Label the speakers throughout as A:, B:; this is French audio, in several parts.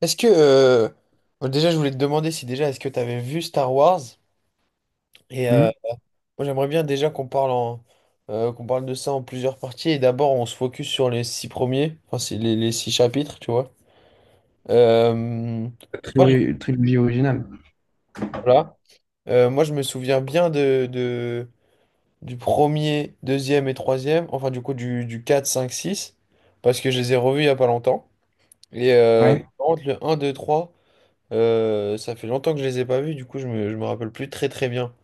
A: Est-ce que Bon, déjà je voulais te demander si déjà est-ce que tu avais vu Star Wars. Et
B: Hmm.
A: moi, j'aimerais bien déjà qu'on parle de ça en plusieurs parties, et d'abord on se focus sur les six premiers, enfin c'est les six chapitres, tu vois. Euh,
B: La
A: moi je,
B: trilogie, trilogie originale.
A: voilà. Moi, je me souviens bien de du premier, deuxième et troisième, enfin du coup du quatre, cinq, six, parce que je les ai revus il y a pas longtemps. Et
B: Ouais,
A: par contre, le un, deux, trois, ça fait longtemps que je les ai pas vus, du coup je me rappelle plus très très bien.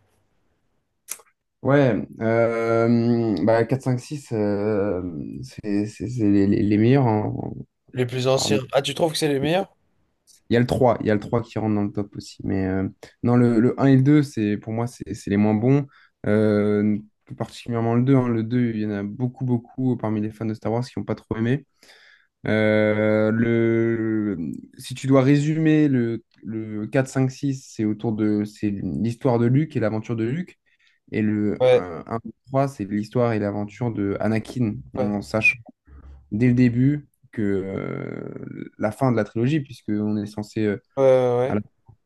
B: ouais. Bah, quatre cinq six, c'est les meilleurs.
A: Les plus anciens.
B: Parmi-
A: Ah, tu trouves que c'est les meilleurs?
B: Il y a le 3 il y a le 3 qui rentre dans le top aussi. Mais non, le un et le 2, c'est, pour moi, c'est les moins bons. Euh, Plus particulièrement le deux, hein. Le deux, il y en a beaucoup, beaucoup parmi les fans de Star Wars qui n'ont pas trop aimé. Euh, le, Si tu dois résumer le 4 5 six, c'est l'histoire de Luke et l'aventure de Luke. Et le
A: Ouais,
B: un, deux, trois, c'est l'histoire et l'aventure de Anakin, en
A: ouais,
B: sachant dès le début que la fin de la trilogie, puisqu'on est censé
A: ouais, ouais,
B: à
A: ouais.
B: la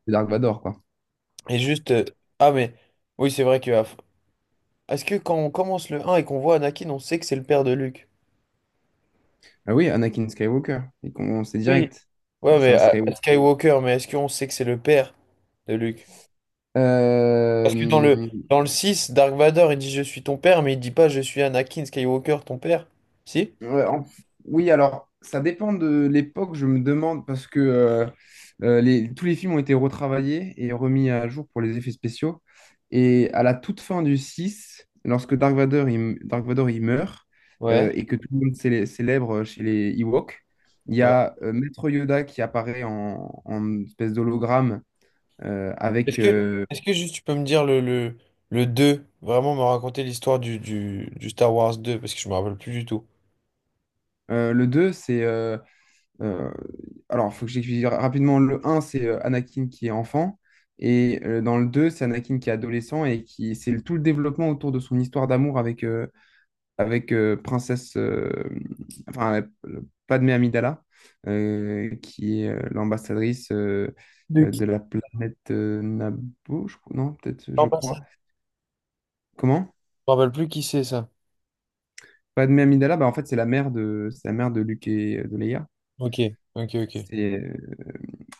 B: c'est Dark Vador, quoi.
A: Et juste. Ah, mais. Oui, c'est vrai que. Est-ce que quand on commence le un et qu'on voit Anakin, on sait que c'est le père de Luke?
B: Ah oui, Anakin Skywalker, et qu'on sait
A: Oui.
B: direct,
A: Ouais,
B: c'est
A: mais
B: un Skywalker.
A: Skywalker, mais est-ce qu'on sait que c'est le père de Luke? Parce que dans le,
B: Euh,
A: dans le six, Dark Vador, il dit je suis ton père, mais il dit pas je suis Anakin Skywalker, ton père. Si?
B: Ouais. Oui, alors, ça dépend de l'époque, je me demande, parce que tous les films ont été retravaillés et remis à jour pour les effets spéciaux. Et à la toute fin du six, lorsque Dark Vador, il meurt,
A: Ouais,
B: et que tout le monde célèbre chez les Ewoks, il y
A: ouais.
B: a, Maître Yoda, qui apparaît en, espèce d'hologramme,
A: Est-ce
B: avec...
A: que, est-ce que juste tu peux me dire le deux, vraiment me raconter l'histoire du Star Wars deux, parce que je me rappelle plus du tout.
B: Le deux, c'est... Euh, alors, il faut que j'explique rapidement. Le un, c'est, Anakin qui est enfant. Et dans le 2, c'est Anakin qui est adolescent et tout le développement autour de son histoire d'amour avec princesse, enfin, euh, Padmé Amidala, qui est, l'ambassadrice,
A: Luc.
B: de la planète, Naboo, non, peut-être, je crois. Comment?
A: Me rappelle plus qui c'est ça.
B: Padmé Amidala, bah, en fait, c'est la mère de Luke et, de Leia.
A: Ok, ok, ok.
B: C'est, euh,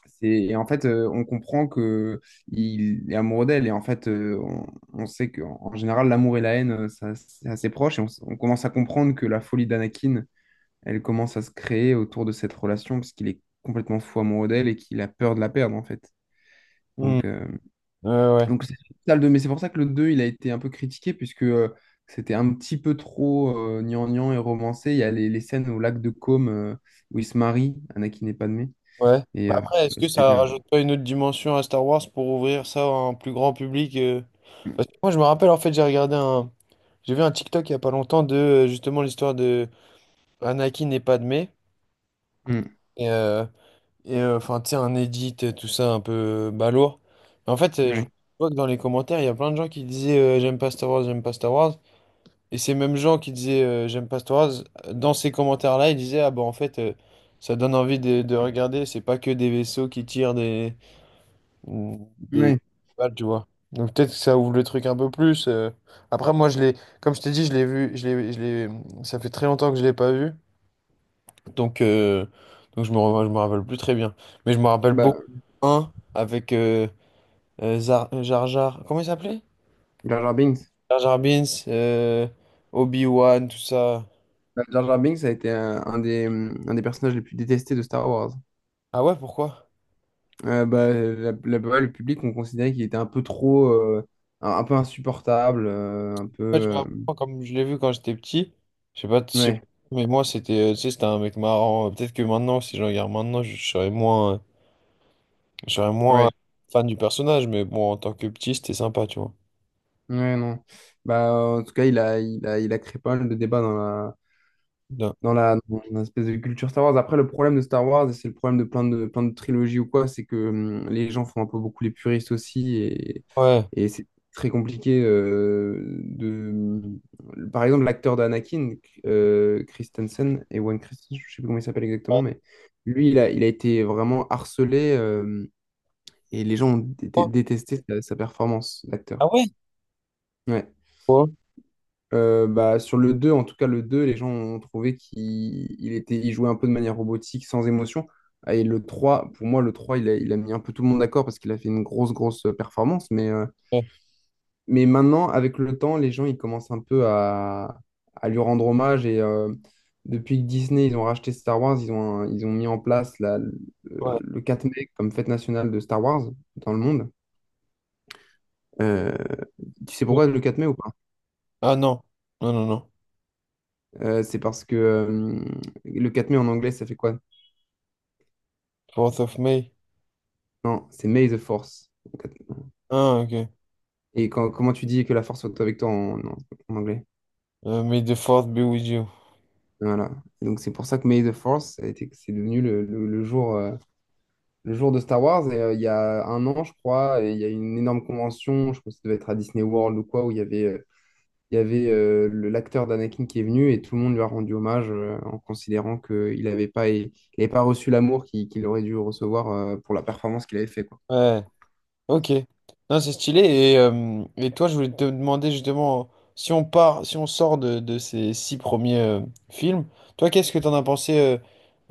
B: et en fait, on comprend que il est amoureux d'elle. Et en fait, on sait qu'en en général, l'amour et la haine, ça, c'est assez proche. Et on commence à comprendre que la folie d'Anakin, elle commence à se créer autour de cette relation, parce qu'il est complètement fou amoureux d'elle et qu'il a peur de la perdre, en fait.
A: Hmm.
B: Donc, euh,
A: Ouais, ouais.
B: donc c'est ça, le deux. Mais c'est pour ça que le deux, il a été un peu critiqué, puisque c'était un petit peu trop, gnangnan et romancé. Il y a les scènes au lac de Côme, où il se marie, Anakin et Padmé.
A: Ouais.
B: Et
A: Bah,
B: euh,
A: après, est-ce que ça
B: c'était un-
A: rajoute pas une autre dimension à Star Wars pour ouvrir ça à un plus grand public Parce que moi, je me rappelle, en fait, j'ai regardé un. J'ai vu un TikTok il y a pas longtemps de, justement, l'histoire de Anakin et Padmé.
B: Hmm.
A: Et, euh, et, enfin, tu sais, un edit, tout ça, un peu balourd. Mais en fait, je
B: Ouais.
A: vois que dans les commentaires, il y a plein de gens qui disaient J'aime pas Star Wars, j'aime pas Star Wars». Et ces mêmes gens qui disaient j'aime pas Star Wars, dans ces commentaires-là, ils disaient ah bah en fait ça donne envie de regarder, c'est pas que des vaisseaux qui tirent des des
B: Ouais.
A: balles, tu vois. Donc peut-être que ça ouvre le truc un peu plus. Après, moi je l'ai, comme je t'ai dit, je l'ai vu, ça fait très longtemps que je l'ai pas vu, donc euh, donc je me rappelle plus très bien, mais je me rappelle beaucoup
B: Bah,
A: un avec Jar Jar, comment il s'appelait?
B: Jar Jar Binks.
A: Jar Jar Binks, Obi-Wan, tout ça.
B: Bah, Jar Jar Binks a été un des personnages les plus détestés de Star Wars.
A: Ah ouais, pourquoi?
B: Bah, ouais, le public, on considérait qu'il était un peu trop, euh, un peu insupportable, un peu.
A: En fait, je me rappelle, comme je l'ai vu quand j'étais petit, je sais pas,
B: Ouais,
A: mais tu sais, c'était un mec marrant. Peut-être que maintenant, si je regarde maintenant, je serais moins
B: ouais,
A: fan du personnage, mais bon, en tant que petit, c'était sympa, tu vois.
B: ouais, non. Bah, en tout cas, il a créé pas mal de débats
A: Bien.
B: dans une espèce de culture Star Wars. Après, le problème de Star Wars, et c'est le problème de plein de trilogies ou quoi, c'est que, les gens font un peu beaucoup les puristes aussi, et,
A: Ouais.
B: et c'est très compliqué, Par exemple, l'acteur d'Anakin, Christensen, Ewan Christensen, je sais plus comment il s'appelle
A: Ah,
B: exactement, mais lui, il a été vraiment harcelé, et les gens ont dé- dé-
A: toi.
B: détesté sa performance d'acteur.
A: Ah ouais?
B: Ouais.
A: Toi.
B: Bah, sur le deux, en tout cas le deux, les gens ont trouvé qu'il il était, il jouait un peu de manière robotique, sans émotion. Ah. Et le trois, pour moi, le 3 il a mis un peu tout le monde d'accord, parce qu'il a fait une grosse, grosse, performance. Mais, euh,
A: Ouais.
B: mais maintenant, avec le temps, les gens, ils commencent un peu à lui rendre hommage. Et depuis que Disney, ils ont racheté Star Wars, ils ont, mis en place la- le,
A: Ouais.
B: le 4 mai comme fête nationale de Star Wars dans le monde. Euh, Tu sais
A: Ouais.
B: pourquoi le 4 mai ou pas?
A: Ah, non, non, non, non.
B: C'est parce que, le 4 mai en anglais, ça fait quoi?
A: Fourth of May.
B: Non, c'est May the Force.
A: Ah, ok.
B: Et comment tu dis que la force soit avec toi, en anglais?
A: May the fourth be with you.
B: Voilà. Donc c'est pour ça que May the Force, c'est devenu le jour de Star Wars. Et il y a un an, je crois, et il y a eu une énorme convention, je pense que ça devait être à Disney World ou quoi, où il y avait le- l'acteur d'Anakin qui est venu, et tout le monde lui a rendu hommage, en considérant qu'il n'avait pas, il avait pas reçu l'amour qu'il qu'il aurait dû recevoir, pour la performance qu'il avait fait, quoi.
A: Ouais. Ok, non, c'est stylé. Et, toi, je voulais te demander justement, si on sort de ces six premiers films, toi, qu'est-ce que t'en as pensé euh,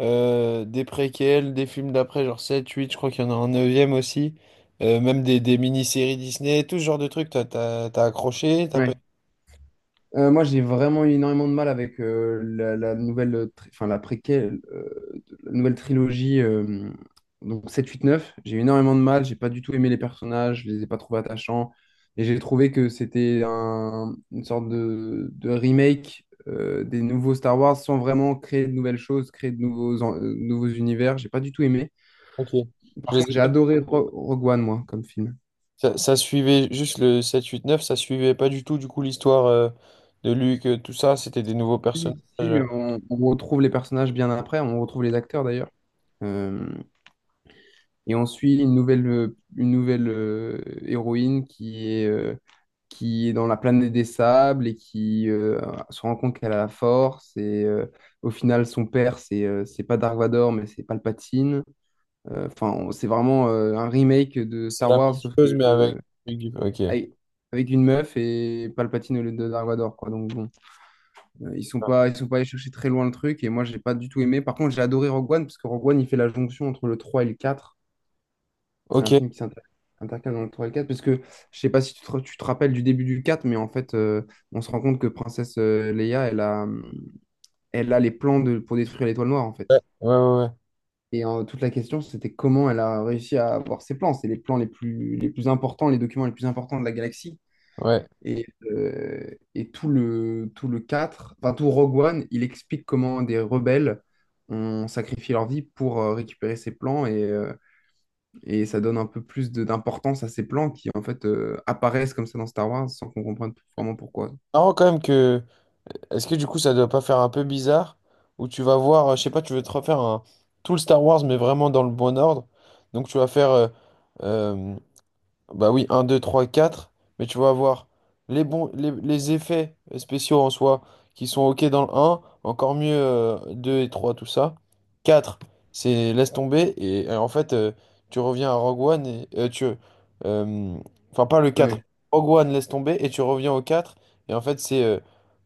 A: euh, des préquels, des films d'après, genre sept, huit, je crois qu'il y en a un neuvième aussi, même des mini-séries Disney, tout ce genre de trucs, t'as accroché, t'as pas.
B: Ouais. Moi, j'ai vraiment eu énormément de mal avec, la nouvelle, enfin, la préquelle, la nouvelle trilogie, donc 7, 8, 9. J'ai eu énormément de mal, j'ai pas du tout aimé les personnages, je les ai pas trouvés attachants. Et j'ai trouvé que une sorte de remake, des nouveaux Star Wars, sans vraiment créer de nouvelles choses, créer de nouveaux univers. J'ai pas du tout aimé.
A: Ok, je
B: Par
A: les
B: contre,
A: ai
B: j'ai
A: pas.
B: adoré Rogue One, moi, comme film.
A: Ça suivait juste le sept, huit, neuf, ça suivait pas du tout, du coup, l'histoire de Luke, tout ça, c'était des nouveaux personnages.
B: Si, si, mais
A: euh,
B: on retrouve les personnages bien après, on retrouve les acteurs d'ailleurs. Euh, Et on suit une nouvelle héroïne qui est dans la planète des sables et qui, se rend compte qu'elle a la force. Et au final, son père, c'est pas Dark Vador, mais c'est Palpatine. Enfin, c'est vraiment, un remake de
A: C'est
B: Star
A: la même
B: Wars, sauf
A: chose,
B: que,
A: mais avec. Ok.
B: avec avec une meuf, et Palpatine au lieu de Dark Vador, quoi. Donc bon, ils sont pas allés chercher très loin le truc. Et moi, j'ai pas du tout aimé. Par contre, j'ai adoré Rogue One, parce que Rogue One, il fait la jonction entre le 3 et le quatre. C'est
A: Ok.
B: un
A: Ouais,
B: film qui intercale dans le 3 et le 4, parce que je sais pas si tu te rappelles du début du quatre, mais en fait, on se rend compte que Princesse, Leia, elle a les plans pour détruire l'étoile noire, en fait.
A: ouais, ouais,
B: Et toute la question, c'était comment elle a réussi à avoir ces plans. C'est les plans les plus importants, les documents les plus importants de la galaxie.
A: ouais.
B: Et, euh, et tout le quatre, enfin tout Rogue One, il explique comment des rebelles ont sacrifié leur vie pour, récupérer ces plans, et ça donne un peu plus d'importance à ces plans qui, en fait, apparaissent comme ça dans Star Wars sans qu'on comprenne
A: Ouais.
B: vraiment pourquoi.
A: Marrant quand même que. Est-ce que du coup ça doit pas faire un peu bizarre? Où tu vas voir, je sais pas, tu veux te refaire un. Tout le Star Wars, mais vraiment dans le bon ordre. Donc tu vas faire euh, bah oui, un, deux, trois, quatre. Mais tu vas avoir les bons, les effets spéciaux en soi qui sont OK dans le un, encore mieux 2 et trois, tout ça. Quatre, c'est laisse tomber. Et en fait, tu reviens à Rogue One et tu. euh, Enfin, pas le quatre.
B: Ouais.
A: Rogue One, laisse tomber, et tu reviens au quatre. Et en fait, c'est.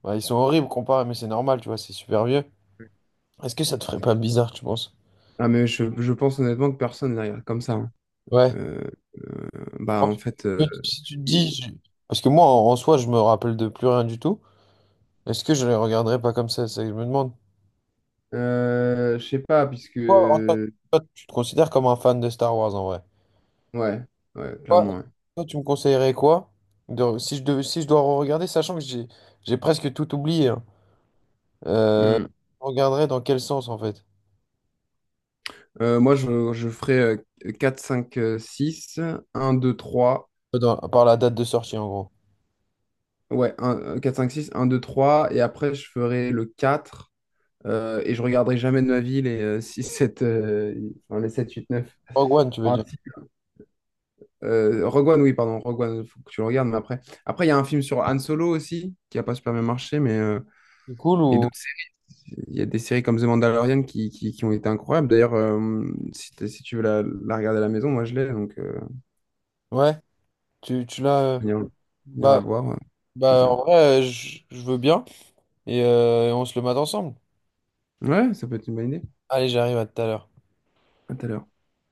A: Bah, ils sont horribles comparés, mais c'est normal, tu vois, c'est super vieux. Est-ce que ça te ferait pas bizarre, tu penses?
B: Ah, mais je pense honnêtement que personne ne les regarde comme ça, hein.
A: Ouais.
B: Euh, Bah,
A: En-
B: en fait,
A: Si tu te dis. Parce que moi, en soi, je me rappelle de plus rien du tout. Est-ce que je les regarderai pas comme ça? Je me demande.
B: je sais pas, puisque.
A: Toi, en- toi,
B: Ouais,
A: toi, tu te considères comme un fan de Star Wars en vrai.
B: ouais,
A: Toi,
B: clairement, ouais.
A: toi, tu me conseillerais quoi? Si je devais, si je dois regarder, sachant que j'ai presque tout oublié. Hein. Euh,
B: Hmm.
A: je regarderais dans quel sens en fait?
B: Moi, je ferais, 4, 5, 6, 1, 2, 3.
A: Par la date de sortie en gros.
B: Ouais, 4, 5, 6, 1, 2, 3. Et après, je ferais le quatre, et je regarderai jamais de ma vie les, 6, 7, enfin, les 7 8 neuf.
A: Rogue One, tu veux
B: Ah,
A: dire.
B: si. Rogue One, oui, pardon, Rogue One, faut que tu le regardes, mais après. Après, il y a un film sur Han Solo aussi, qui n'a pas super bien marché, mais,
A: C'est cool
B: et
A: ou.
B: d'autres séries. Il y a des séries comme The Mandalorian qui, ont été incroyables. D'ailleurs, si tu veux la regarder à la maison, moi je l'ai, donc,
A: Ouais, tu l'as.
B: si tu veux venir la
A: Bah,
B: voir,
A: bah,
B: plaisir.
A: en vrai, je veux bien. Et on se le mate ensemble.
B: Ouais, ça peut être une bonne idée.
A: Allez, j'arrive à tout à l'heure.
B: À tout à l'heure.